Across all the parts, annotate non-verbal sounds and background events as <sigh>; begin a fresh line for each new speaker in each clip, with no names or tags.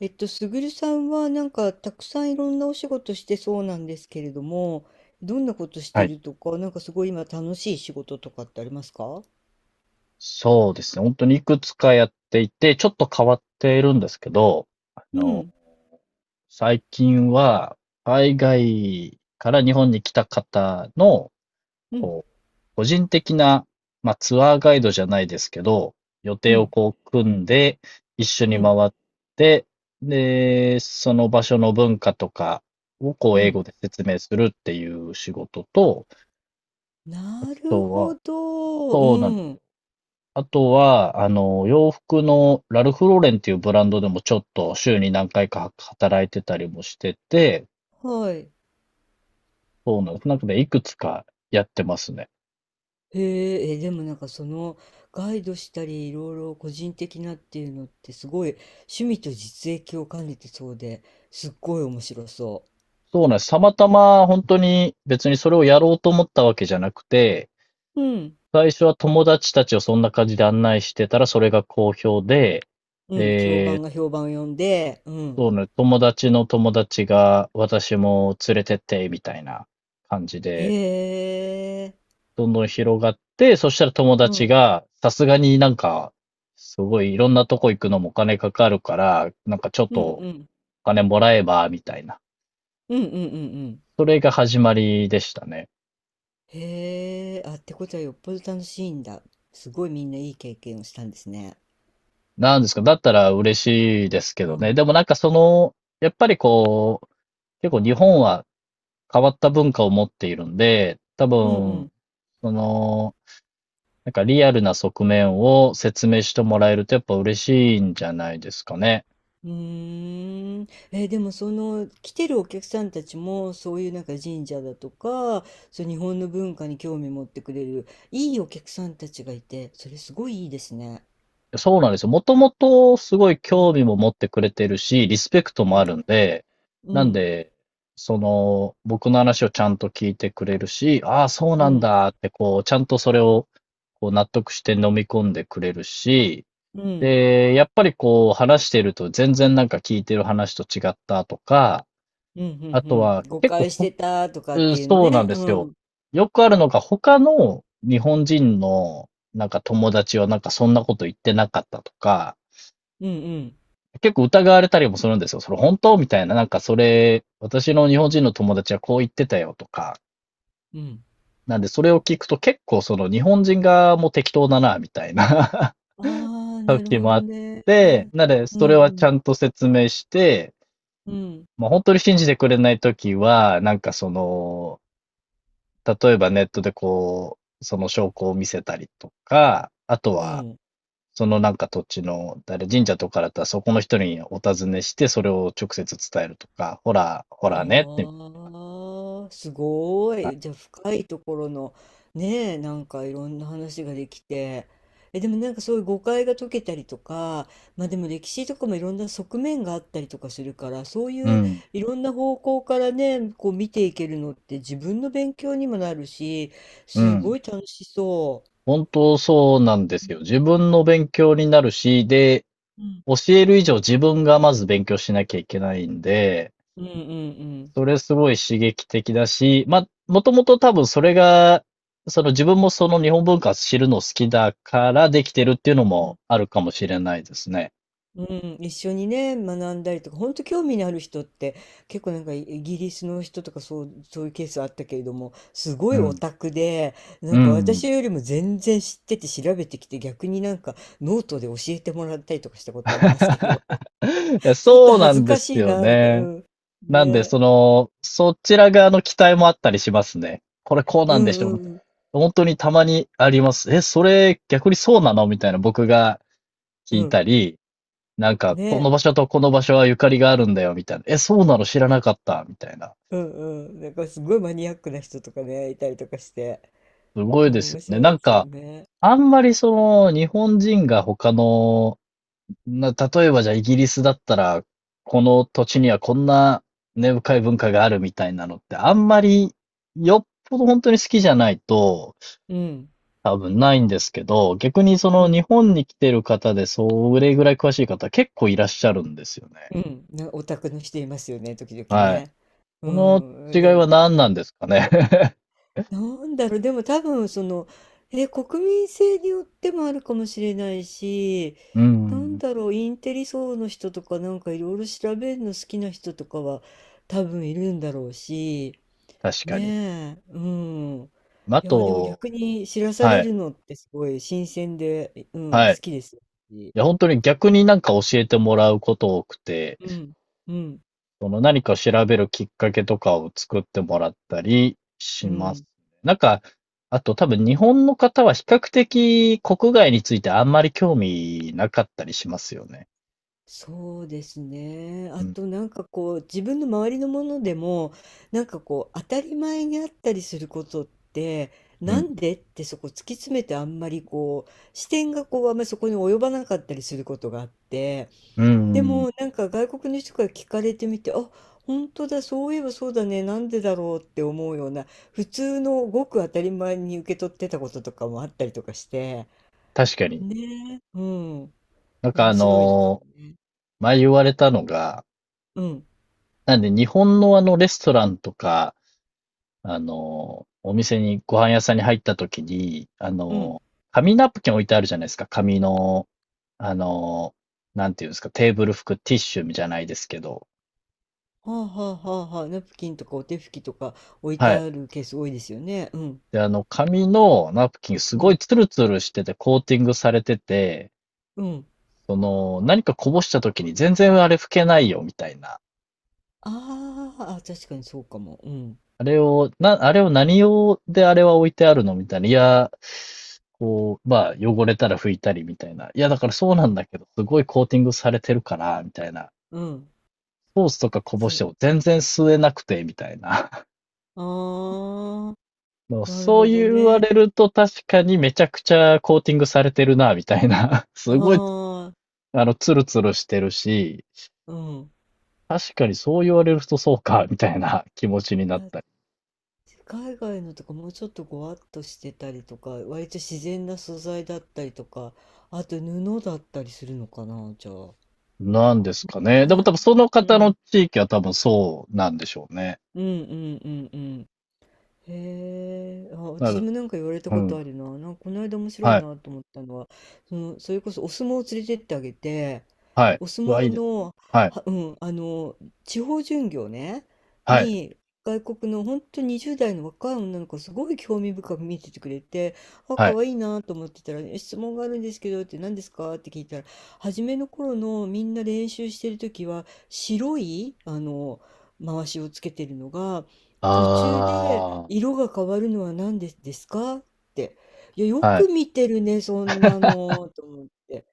すぐるさんはなんかたくさんいろんなお仕事してそうなんですけれども、どんなことし
は
て
い。
るとか、なんかすごい今楽しい仕事とかってありますか？
そうですね。本当にいくつかやっていて、ちょっと変わっているんですけど、あ
う
の、
ん、
最近は、海外から日本に来た方の、
うん、
こう、個人的な、まあ、ツアーガイドじゃないですけど、予
う
定を
ん、
こう組んで、一緒
う
に回
ん、
って、で、その場所の文化とかをこう
う
英
ん。
語で説明するっていう仕事と、あ
なる
と
ほ
は、
ど。う
そうなんです。
ん。
あとは、洋服のラルフローレンっていうブランドでもちょっと週に何回か働いてたりもしてて、
はい。
そうなんです。なんかね、いくつかやってますね。
へえ、え、でもなんかそのガイドしたりいろいろ個人的なっていうのってすごい趣味と実益を兼ねてそうですっごい面白そ
そうなんです。たまたま本当に別にそれをやろうと思ったわけじゃなくて、
う。うん、
最初は友達たちをそんな感じで案内してたらそれが好評で、
うん、評
で、
判が評判を呼んで、うん。
そうね、友達の友達が私も連れてって、みたいな感じ
へ
で、
え。
どんどん広がって、そしたら友
う
達
ん。
が、さすがになんか、すごいいろんなとこ行くのもお金かかるから、なんかちょっ
う
と
ん
お
うん。
金もらえば、みたいな。
うんうんうんうん。
それが始まりでしたね。
へえ。あ、ってことはよっぽど楽しいんだ。すごいみんないい経験をしたんですね。
なんですか、だったら嬉しいですけ
う
どね。
ん。
でもなんかその、やっぱりこう、結構日本は変わった文化を持っているんで、多
うんう
分、
ん。
その、なんかリアルな側面を説明してもらえるとやっぱ嬉しいんじゃないですかね。
うーん。でもその来てるお客さんたちもそういうなんか神社だとか、そう日本の文化に興味持ってくれるいいお客さんたちがいて、それすごいいいですね。
そうなんですよ。もともとすごい
う
興
ん。
味も持ってくれてるし、リスペクトも
う
ある
ん。
んで、
う
なん
ん。
で、その、僕の話をちゃんと聞いてくれるし、ああ、そう
う
なん
ん。
だって、こう、ちゃんとそれを、こう、納得して飲み込んでくれるし、
うん。うん。
で、やっぱりこう、話してると全然なんか聞いてる話と違ったとか、
うん。
あ
う
と
ん。
は
誤
結構
解し
ほ、
てたとかっ
うん
ていうの
そうなん
ね。
で
う
すよ。
ん。
よくあるのが他の日本人のなんか友達はなんかそんなこと言ってなかったとか、
うんうん
結構疑われたりもするんですよ。それ本当みたいな。なんかそれ、私の日本人の友達はこう言ってたよとか。
うん。
なんでそれを聞くと結構その日本人側も適当だな、みたいな
ああ、
<laughs>
なる
時
ほ
もあ
ど
っ
ね。
て、なので
う
そ
ん
れは
う
ち
ん
ゃんと説明して、
うん。
まあ、本当に信じてくれない時は、なんかその、例えばネットでこう、その証拠を見せたりとか、あと
う
は
ん。
そのなんか土地の、誰、神社とかだったらそこの人にお尋ねして、それを直接伝えるとか、ほら、ほらねってみたい
ああ、すご
な。は
い。じ
い。
ゃあ深いところのねえ、なんかいろんな話ができて。え、でもなんかそういう誤解が解けたりとか、まあでも歴史とかもいろんな側面があったりとかするから、そう
う
いう
ん、
いろんな方向からね、こう見ていけるのって自分の勉強にもなるし、
う
すご
ん。
い楽しそ
本当そうなんで
う。う
すよ。自分の勉強になるし、で、
ん
教える以上自分がまず勉強しなきゃいけないんで、
うんうんうん
それすごい刺激的だし、ま、もともと多分それが、その自分もその日本文化知るの好きだからできてるっていうの
う
も
ん。
あるかもしれないですね。
うん、一緒にね、学んだりとか、本当興味のある人って、結構なんかイギリスの人とかそう、そういうケースあったけれども、すご
う
いオ
ん。
タクで、な
う
んか私
ん。
よりも全然知ってて調べてきて、逆になんかノートで教えてもらったりとかしたことありますけど、
<laughs>
<laughs>
いや、
ちょっと
そうな
恥ず
んで
か
す
しい
よ
な、みたいな。う
ね。
ん。
なんで、
ね。
その、そちら側の期待もあったりしますね。これこう
う
なんで
ん
しょ
う
みたいな。
ん
本当にたまにあります。え、それ逆にそうなのみたいな僕が聞
う
い
ん。
たり、なん
うん。
か、この
ね。
場所とこの場所はゆかりがあるんだよ、みたいな。え、そうなの知らなかった、みたいな。
うんうん。なんかすごいマニアックな人とかね、いたりとかして、
すごい
う
で
ん、
す
面
よね。
白
な
いで
ん
すよ
か、
ね。
あんまりその、日本人が他のな、例えばじゃあイギリスだったら、この土地にはこんな根深い文化があるみたいなのって、あんまりよっぽど本当に好きじゃないと
うん。
多分ないんですけど、逆にそ
う
の日
ん。
本に来てる方でそれぐらい詳しい方結構いらっしゃるんですよね。
うん、なオタクの人いますよね、時々
はい。
ね。う
この違
ん、
い
で
は
も、
何
う
なん
ん、
ですかね。<laughs>
なんだろう、でも多分その、え、国民性によってもあるかもしれないし、
う
なん
ん、
だろう、インテリ層の人とかなんかいろいろ調べるの好きな人とかは多分いるんだろうし、
確かに。
ねえ、うん。
あ
いや、でも
と、
逆に知らさ
は
れ
い、
るのってすごい新鮮で、うん、好
はい。
きですし。
いや、本当に逆になんか教えてもらうこと多くて、
うん、うん、
その何かを調べるきっかけとかを作ってもらったり
う
します
ん。
ね。なんか、あと多分日本の方は比較的国外についてあんまり興味なかったりしますよね。
そうですね。
う
あ
ん、
となんかこう自分の周りのものでもなんかこう当たり前にあったりすることって
う
な
ん、
んでってそこ突き詰めてあんまりこう視点がこうあんまりそこに及ばなかったりすることがあって、
う
で
ん、
もなんか外国の人から聞かれてみて、あ、本当だ、そういえばそうだね、なんでだろうって思うような普通のごく当たり前に受け取ってたこととかもあったりとかして、
確かに。
ね。うん。
なんか
面
あ
白いですよ
の
ね。
前言われたのが、
うん
なんで日本のあのレストランとか、あのお店に、ご飯屋さんに入った時に、
うん。
紙ナプキン置いてあるじゃないですか。紙のあの、なんていうんですか、テーブル拭くティッシュじゃないですけど、
はあはあはあはあ、ナプキンとかお手拭きとか置いて
はい。
あるケース多いですよね。うん、
で、あの、紙のナプキンす
う
ごい
ん、
ツルツルしててコーティングされてて、
うん。
その、何かこぼした時に全然あれ拭けないよ、みたいな。
あーあ、確かにそうかも。うん、
あれを、な、あれを何用であれは置いてあるのみたいな。いや、こう、まあ、汚れたら拭いたりみたいな。いや、だからそうな
う
んだ
ん、
けど、すごいコーティングされてるから、みたいな。
うん。
ソースとかこぼ
そ
し
う。
ても全然吸えなくて、みたいな。
ああ、
もう
なる
そ
ほ
う
ど
言わ
ね。
れると確かにめちゃくちゃコーティングされてるな、みたいな。<laughs>
あ
すごい、
あ、
あの、ツルツルしてるし、
うん。
確かにそう言われるとそうか、みたいな気持ちに
い
なっ
や、
たり。
海外のとかもうちょっとごわっとしてたりとか、割と自然な素材だったりとか、あと布だったりするのかな、じゃあ。
なんですかね。でも
ね、
多分その
う
方の
ん、
地域は多分そうなんでしょうね。
うん、うん、うん、うん。へえ、あ、
な
私
る。
もなんか言われた
う
こと
ん。
あるな。なんかこの間面白い
はい。
なと思ったのは、その、それこそお相撲を連れてってあげて、
はい。
お相
うわ、いい
撲
ですね。
の、
はい。
は、うん、あの、地方巡業ね、
はい。
に、外国の本当20代の若い女の子すごい興味深く見ててくれて、あ、
は
可
い。
愛いなと思ってたら、え、質問があるんですけどって、何ですかって聞いたら、初めの頃のみんな練習してる時は白い、あの、回しをつけてるのが、途中で
あ
色が変わるのは何でですか？って。いや、よ
あ。は
く
い。
見てるね、そんな
<laughs>
のと思って。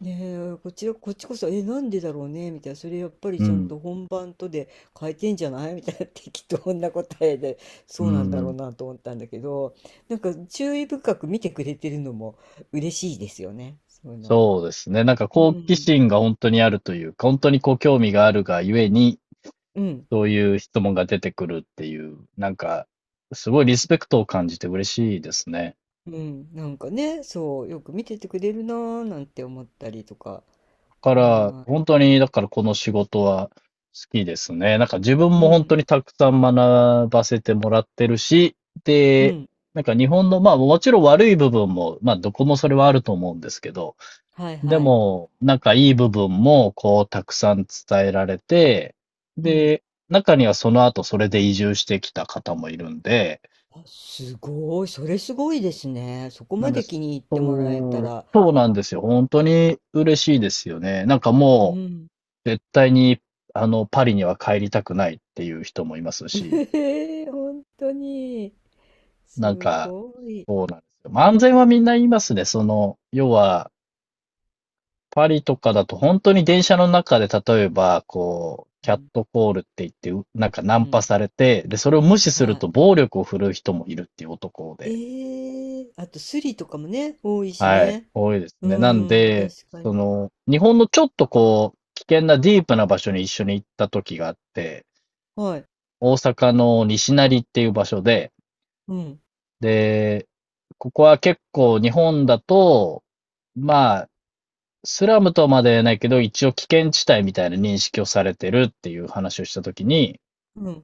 ねえ、こちらこっちこそ、え、なんでだろうねみたいな、それやっぱり
う
ちゃん
ん。
と本番とで変えてんじゃない？みたいな <laughs> 適当な答えで、そ
う
うなんだろう
ん。
なと思ったんだけど、なんか注意深く見てくれてるのも嬉しいですよね、そういうの。
そうですね。なんか
う
好奇
ん。
心が本当にあるというか、本当にこう興味があるがゆえに
うん。
そういう質問が出てくるっていう、なんか、すごいリスペクトを感じて嬉しいですね。
うん。なんかね、そう、よく見ててくれるなーなんて思ったりとか。
だから、
は
本当に、だからこの仕事は好きですね。なんか自分
ーい。
も
う
本当
ん。
にたくさん学ばせてもらってるし、
う
で、
ん。
なんか日本の、まあもちろん悪い部分も、まあどこもそれはあると思うんですけど、
はい
で
はい。
も、なんかいい部分もこうたくさん伝えられて、
うん。
で、中にはその後それで移住してきた方もいるんで、
あ、すごい。それすごいですね。そこ
な
ま
んで
で
す。
気に入っても
う
らえた
ん、
ら。
そうなんですよ。本当に嬉しいですよね。なんか
う
も
ん。
う、絶対に、あの、パリには帰りたくないっていう人もいますし、
<laughs> ええ、本当に。
なん
す
か、
ごい。
そうなんですよ。まあ、安全はみんな言いますね。その、要は、パリとかだと本当に電車の中で例えば、こう、キ
う
ャッ
ん。
トコールって言って、うなんかナ
う
ンパ
ん。
されて、で、それを無視
は
する
い。
と暴力を振るう人もいるっていう男で。
ええ、あとスリとかもね、多いし
はい、
ね。
多いです
う
ね。なん
ん、
で、
確か
そ
に。
の、日本のちょっとこう、危険なディープな場所に一緒に行った時があって、
はい。
大阪の西成っていう場所で、
うん。
で、ここは結構日本だと、まあ、スラムとまでは言えないけど、一応危険地帯みたいな認識をされてるっていう話をした時に、
うん。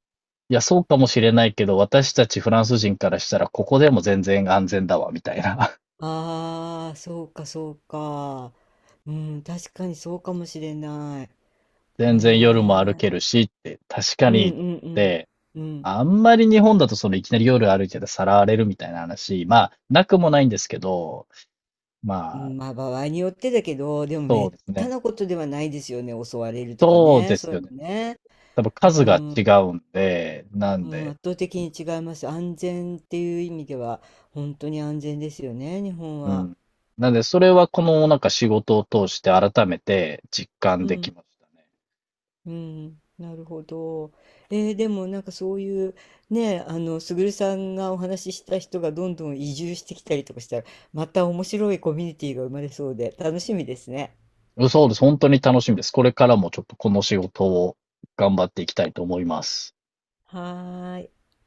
いや、そうかもしれないけど、私たちフランス人からしたら、ここでも全然安全だわ、みたいな。
ああ、そうか、そうか。うん、確かにそうかもしれない。
<laughs> 全然夜も歩け
ね
るしって、確か
え。う
に、と思っ
んうん
て、
うん。うん。
あんまり日本だとそのいきなり夜歩いててさらわれるみたいな話、まあ、なくもないんですけど、
う
まあ、
ん、まあ、場合によってだけど、でも
そう
滅
です
多
ね。
なことではないですよね、襲われるとか
そう
ね、
で
そ
す
うい
よね。
うのね。
多分
う
数が違
ん、
うんで、な
う
ん
ん、
で、
圧倒的に違います。安全っていう意味では、本当に安全ですよね、日本
う
は。
ん。なんで、それはこのなんか仕事を通して改めて実感
う
でき
ん、
ましたね。
うん、なるほど。でもなんかそういう、ね、あの、すぐるさんがお話しした人がどんどん移住してきたりとかしたら、また面白いコミュニティが生まれそうで、楽しみですね。
うんそうです。本当に楽しみです。これからもちょっとこの仕事を頑張っていきたいと思います。
はーい。